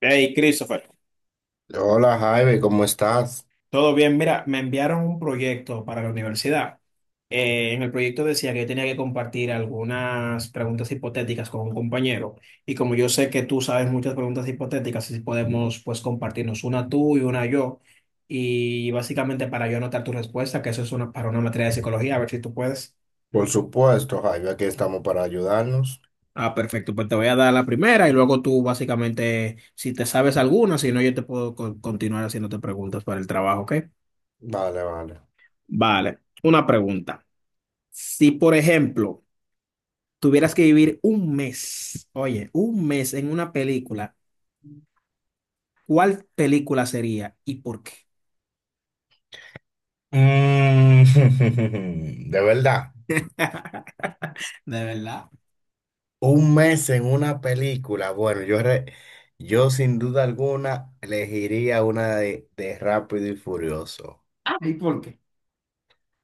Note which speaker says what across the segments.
Speaker 1: Hey, Christopher,
Speaker 2: Hola Jaime, ¿cómo estás?
Speaker 1: ¿todo bien? Mira, me enviaron un proyecto para la universidad. En el proyecto decía que yo tenía que compartir algunas preguntas hipotéticas con un compañero. Y como yo sé que tú sabes muchas preguntas hipotéticas, si podemos pues compartirnos una tú y una yo. Y básicamente para yo anotar tu respuesta, que eso es una, para una materia de psicología, a ver si tú puedes.
Speaker 2: Por supuesto, Jaime, aquí estamos para ayudarnos.
Speaker 1: Ah, perfecto. Pues te voy a dar la primera y luego tú básicamente, si te sabes alguna, si no, yo te puedo continuar haciéndote preguntas para el trabajo, ¿ok?
Speaker 2: Vale, vale.
Speaker 1: Vale, una pregunta. Si, por ejemplo, tuvieras que vivir un mes, oye, un mes en una película, ¿cuál película sería y por qué?
Speaker 2: Mm. De verdad,
Speaker 1: De verdad.
Speaker 2: un mes en una película. Bueno, yo sin duda alguna elegiría una de Rápido y Furioso.
Speaker 1: Ah, ¿y por qué?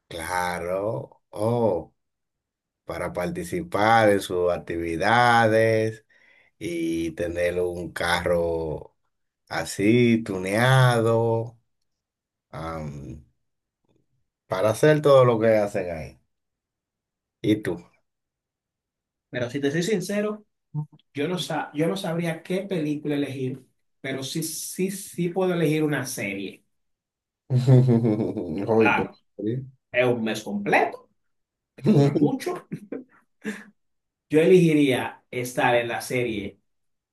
Speaker 2: Claro, oh, para participar en sus actividades y tener un carro así, tuneado, para hacer todo lo que hacen ahí. ¿Y tú?
Speaker 1: Pero si te soy sincero, yo no sabría qué película elegir, pero sí, sí, sí puedo elegir una serie.
Speaker 2: Joder, ¿cómo
Speaker 1: Claro,
Speaker 2: sería?
Speaker 1: es un mes completo, que dura mucho. Yo elegiría estar en la serie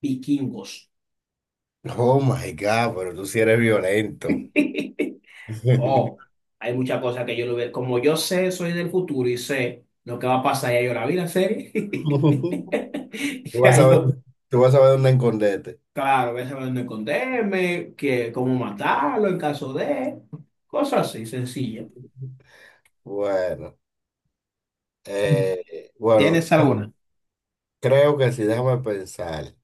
Speaker 1: Vikingos.
Speaker 2: Oh my God, pero tú sí eres violento.
Speaker 1: Oh, hay muchas cosas que yo no veo. Como yo sé, soy del futuro y sé lo que va a pasar, ya yo la vi la serie.
Speaker 2: Tú vas
Speaker 1: Ya
Speaker 2: a ver,
Speaker 1: yo,
Speaker 2: tú vas a ver dónde esconderte.
Speaker 1: claro, voy a saber dónde esconderme, que cómo matarlo en caso de, cosas así, sencillas.
Speaker 2: Bueno,
Speaker 1: ¿Tienes
Speaker 2: bueno,
Speaker 1: alguna?
Speaker 2: creo que sí, déjame pensar.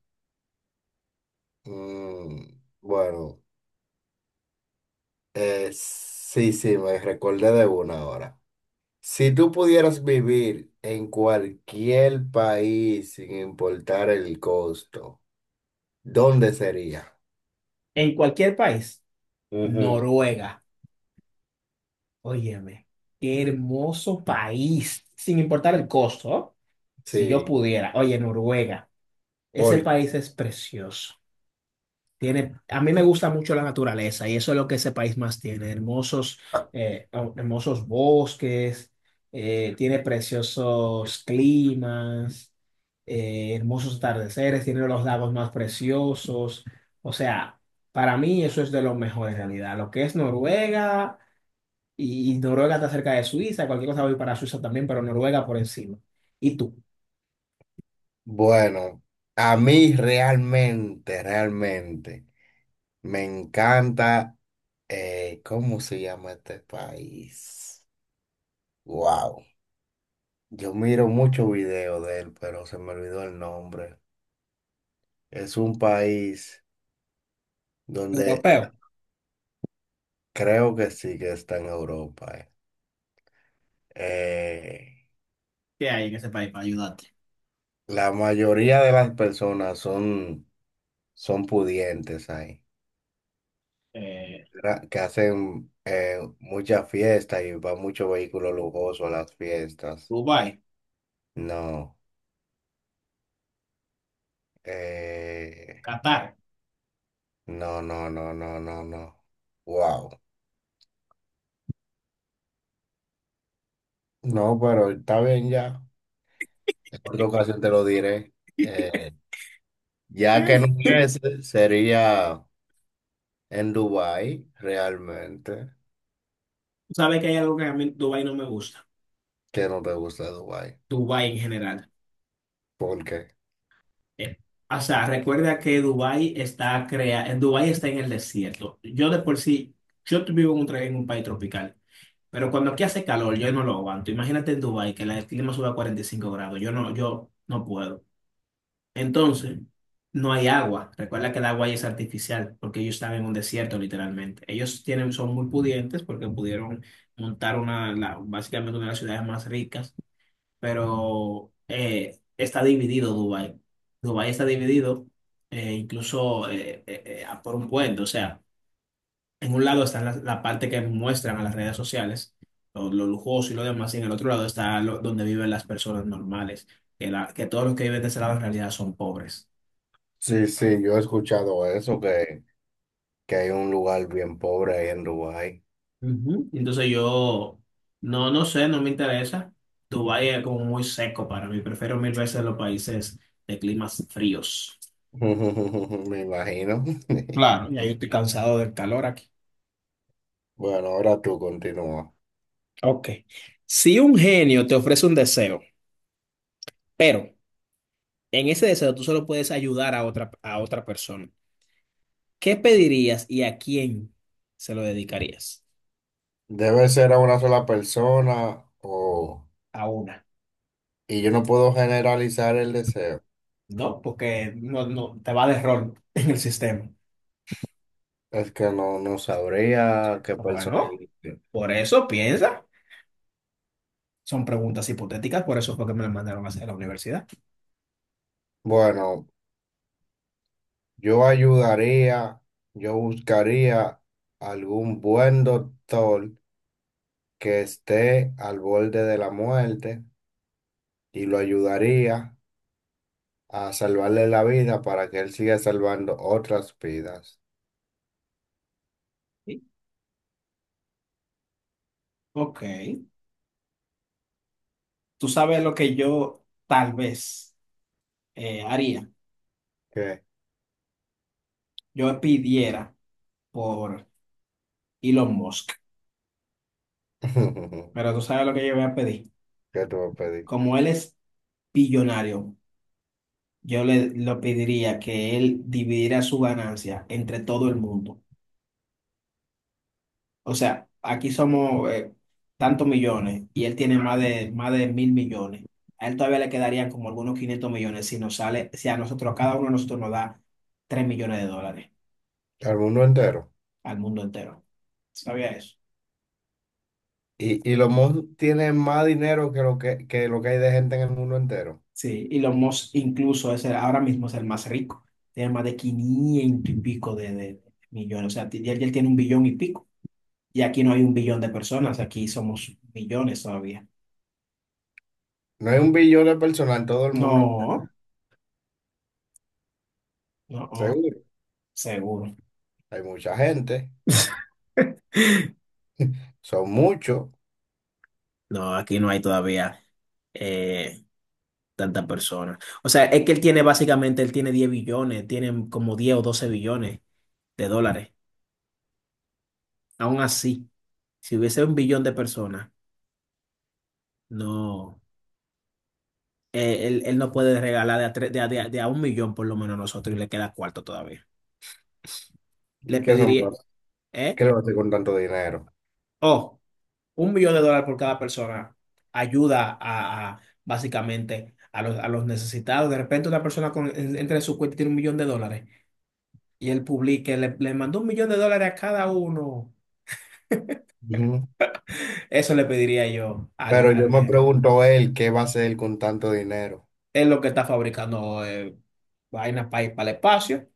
Speaker 2: Bueno, sí, sí, me recordé de una ahora. Si tú pudieras vivir en cualquier país sin importar el costo, ¿dónde sería?
Speaker 1: En cualquier país,
Speaker 2: Ujú.
Speaker 1: Noruega, óyeme, qué hermoso país, sin importar el costo, ¿oh? Si yo
Speaker 2: Sí.
Speaker 1: pudiera, oye, Noruega, ese
Speaker 2: Por-
Speaker 1: país es precioso. A mí me gusta mucho la naturaleza y eso es lo que ese país más tiene.
Speaker 2: ah,
Speaker 1: Oh, hermosos bosques, tiene preciosos climas, hermosos atardeceres, tiene los lagos más preciosos. O sea, para mí eso es de lo mejor en realidad. Lo que es Noruega y Noruega está cerca de Suiza, cualquier cosa voy para Suiza también, pero Noruega por encima. ¿Y tú?
Speaker 2: Bueno, a mí realmente, realmente me encanta, ¿cómo se llama este país? Wow, yo miro muchos videos de él, pero se me olvidó el nombre. Es un país donde
Speaker 1: Europeo.
Speaker 2: creo que sí que está en Europa. Eh,
Speaker 1: ¿Qué hay en ese país para ayudarte?
Speaker 2: la mayoría de las personas son pudientes ahí.
Speaker 1: Eh,
Speaker 2: Que hacen, mucha fiesta y va mucho vehículo lujoso a las fiestas.
Speaker 1: Dubái,
Speaker 2: No, eh,
Speaker 1: Qatar.
Speaker 2: no, no, no, no, no, no. Wow. No, pero está bien ya. En otra ocasión te lo diré. Eh, ya que no es, sería en Dubái, realmente,
Speaker 1: Sabes que hay algo que a mí Dubái no me gusta.
Speaker 2: que no te gusta Dubái.
Speaker 1: Dubái en general.
Speaker 2: ¿Por qué?
Speaker 1: Eh, o sea, recuerda que en Dubái está en el desierto. Yo de por sí, vivo en en un país tropical, pero cuando aquí hace calor, yo no lo aguanto. Imagínate en Dubái que el clima sube a 45 grados. Yo no puedo. Entonces, no hay agua. Recuerda que el agua ahí es artificial, porque ellos están en un desierto, literalmente. Son muy pudientes porque pudieron montar básicamente una de las ciudades más ricas, pero está dividido Dubái. Dubái está dividido, incluso, por un puente. O sea, en un lado está la parte que muestran a las redes sociales, lo lujoso y lo demás, y en el otro lado está donde viven las personas normales, que todos los que viven de ese lado en realidad son pobres.
Speaker 2: Sí, sí, yo he escuchado eso, que hay un lugar bien pobre ahí en Dubái.
Speaker 1: Ujú. No sé, no me interesa. Dubái es como muy seco para mí, prefiero mil veces los países de climas fríos.
Speaker 2: Me imagino.
Speaker 1: Claro. Ya yo estoy cansado del calor aquí.
Speaker 2: Bueno, ahora tú continúa.
Speaker 1: Ok. Si un genio te ofrece un deseo, pero en ese deseo tú solo puedes ayudar a otra persona, ¿qué pedirías y a quién se lo dedicarías?
Speaker 2: ¿Debe ser a una sola persona o...?
Speaker 1: A una,
Speaker 2: Y yo no puedo generalizar el deseo.
Speaker 1: ¿no? Porque no te va de error en el sistema.
Speaker 2: Es que no, no sabría qué persona
Speaker 1: Bueno,
Speaker 2: elegir.
Speaker 1: por eso piensa. Son preguntas hipotéticas, por eso fue que me las mandaron a hacer a la universidad.
Speaker 2: Bueno, yo ayudaría, yo buscaría algún buen doctor que esté al borde de la muerte y lo ayudaría a salvarle la vida para que él siga salvando otras vidas.
Speaker 1: Sí. Ok. Tú sabes lo que yo tal vez haría.
Speaker 2: ¿Qué?
Speaker 1: Yo pidiera por Elon Musk. Pero tú sabes lo que yo voy a pedir.
Speaker 2: Que tú me pedí.
Speaker 1: Como él es billonario, yo le lo pediría que él dividiera su ganancia entre todo el mundo. O sea, aquí somos tantos millones y él tiene más de 1.000 millones. A él todavía le quedarían como algunos 500 millones si si a nosotros, cada uno de nosotros nos da 3 millones de dólares
Speaker 2: Al mundo entero.
Speaker 1: al mundo entero. ¿Sabía eso?
Speaker 2: Y los mods tienen más dinero que lo que hay de gente en el mundo entero.
Speaker 1: Sí, Elon Musk incluso ahora mismo es el más rico. Tiene más de 500 y pico de millones. O sea, ya él tiene 1 billón y pico. Y aquí no hay 1 billón de personas, aquí somos millones todavía.
Speaker 2: No hay 1 billón de personas en todo el mundo entero.
Speaker 1: No, no, no,
Speaker 2: Seguro.
Speaker 1: seguro.
Speaker 2: Hay mucha gente. Son muchos.
Speaker 1: No, aquí no hay todavía eh, tantas personas. O sea, es que él tiene 10 billones, tiene como 10 o 12 millardos de dólares. Aún así, si hubiese 1 billón de personas, no. Él no puede regalar de a, tres- de, a, de a- de a 1 millón por lo menos a nosotros y le queda cuarto todavía.
Speaker 2: ¿Y
Speaker 1: Le
Speaker 2: qué son?
Speaker 1: pediría, ¿eh?
Speaker 2: ¿Qué le va a hacer con tanto dinero?
Speaker 1: Oh, un millón de dólares por cada persona ayuda básicamente a los necesitados. De repente una persona entra en su cuenta y tiene 1 millón de dólares y le mandó 1 millón de dólares a cada uno.
Speaker 2: Ujú.
Speaker 1: Eso le pediría yo al,
Speaker 2: Pero yo
Speaker 1: al
Speaker 2: me
Speaker 1: gerente.
Speaker 2: pregunto él, ¿qué va a hacer con tanto dinero?
Speaker 1: Es lo que está fabricando, vainas para ir para el espacio,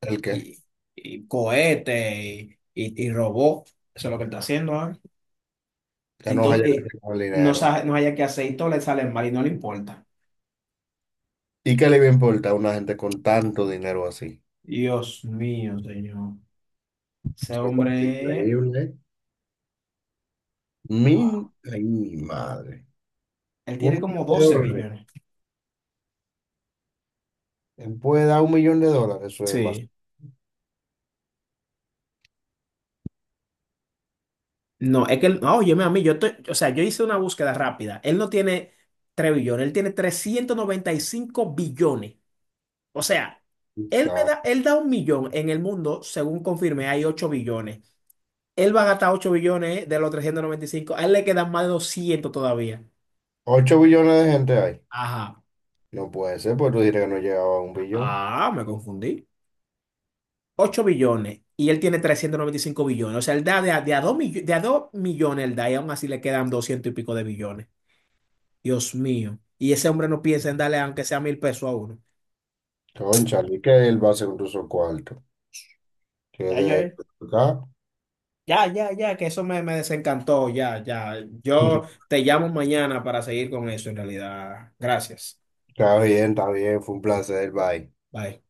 Speaker 2: ¿El qué?
Speaker 1: y, y cohetes y, y robot. Eso es lo que está haciendo ahora.
Speaker 2: Ya
Speaker 1: Y,
Speaker 2: no va a
Speaker 1: to-
Speaker 2: llegar
Speaker 1: y
Speaker 2: con el
Speaker 1: no,
Speaker 2: dinero.
Speaker 1: sabe no haya que hacer y todo le sale mal y no le importa.
Speaker 2: ¿Y qué le va a importar a una gente con tanto dinero así?
Speaker 1: Dios mío, señor. Ese
Speaker 2: Eso es
Speaker 1: hombre,
Speaker 2: increíble, ¿eh? Mi,
Speaker 1: wow.
Speaker 2: ay, mi madre.
Speaker 1: Él
Speaker 2: Un
Speaker 1: tiene como
Speaker 2: millón de
Speaker 1: 12
Speaker 2: dólares.
Speaker 1: billones.
Speaker 2: Él puede dar $1 millón, eso es más.
Speaker 1: Sí. No, es que, no, óyeme a mí, o sea, yo hice una búsqueda rápida. Él no tiene 3 billones, él tiene 395 billones. O sea,
Speaker 2: O
Speaker 1: él me
Speaker 2: sea,
Speaker 1: da, él da 1 millón en el mundo, según confirmé, hay 8 billones. Él va a gastar 8 billones de los 395. A él le quedan más de 200 todavía.
Speaker 2: 8 billones de gente hay.
Speaker 1: Ajá.
Speaker 2: No puede ser, pues tú dirás que no llegaba a 1 billón.
Speaker 1: Ah, me confundí. 8 billones y él tiene 395 billones. O sea, él da de a 2 millones, de a 2 millones él da y aún así le quedan 200 y pico de billones. Dios mío. Y ese hombre no piensa en darle aunque sea 1.000 pesos a uno.
Speaker 2: Cónchale, que él va a ser un uso cuarto. Que
Speaker 1: Ya,
Speaker 2: de
Speaker 1: yo-
Speaker 2: acá.
Speaker 1: ya, ya, ya, que eso me desencantó. Ya, ya. Yo te llamo mañana para seguir con eso en realidad. Gracias.
Speaker 2: Está bien, fue un placer, bye.
Speaker 1: Bye.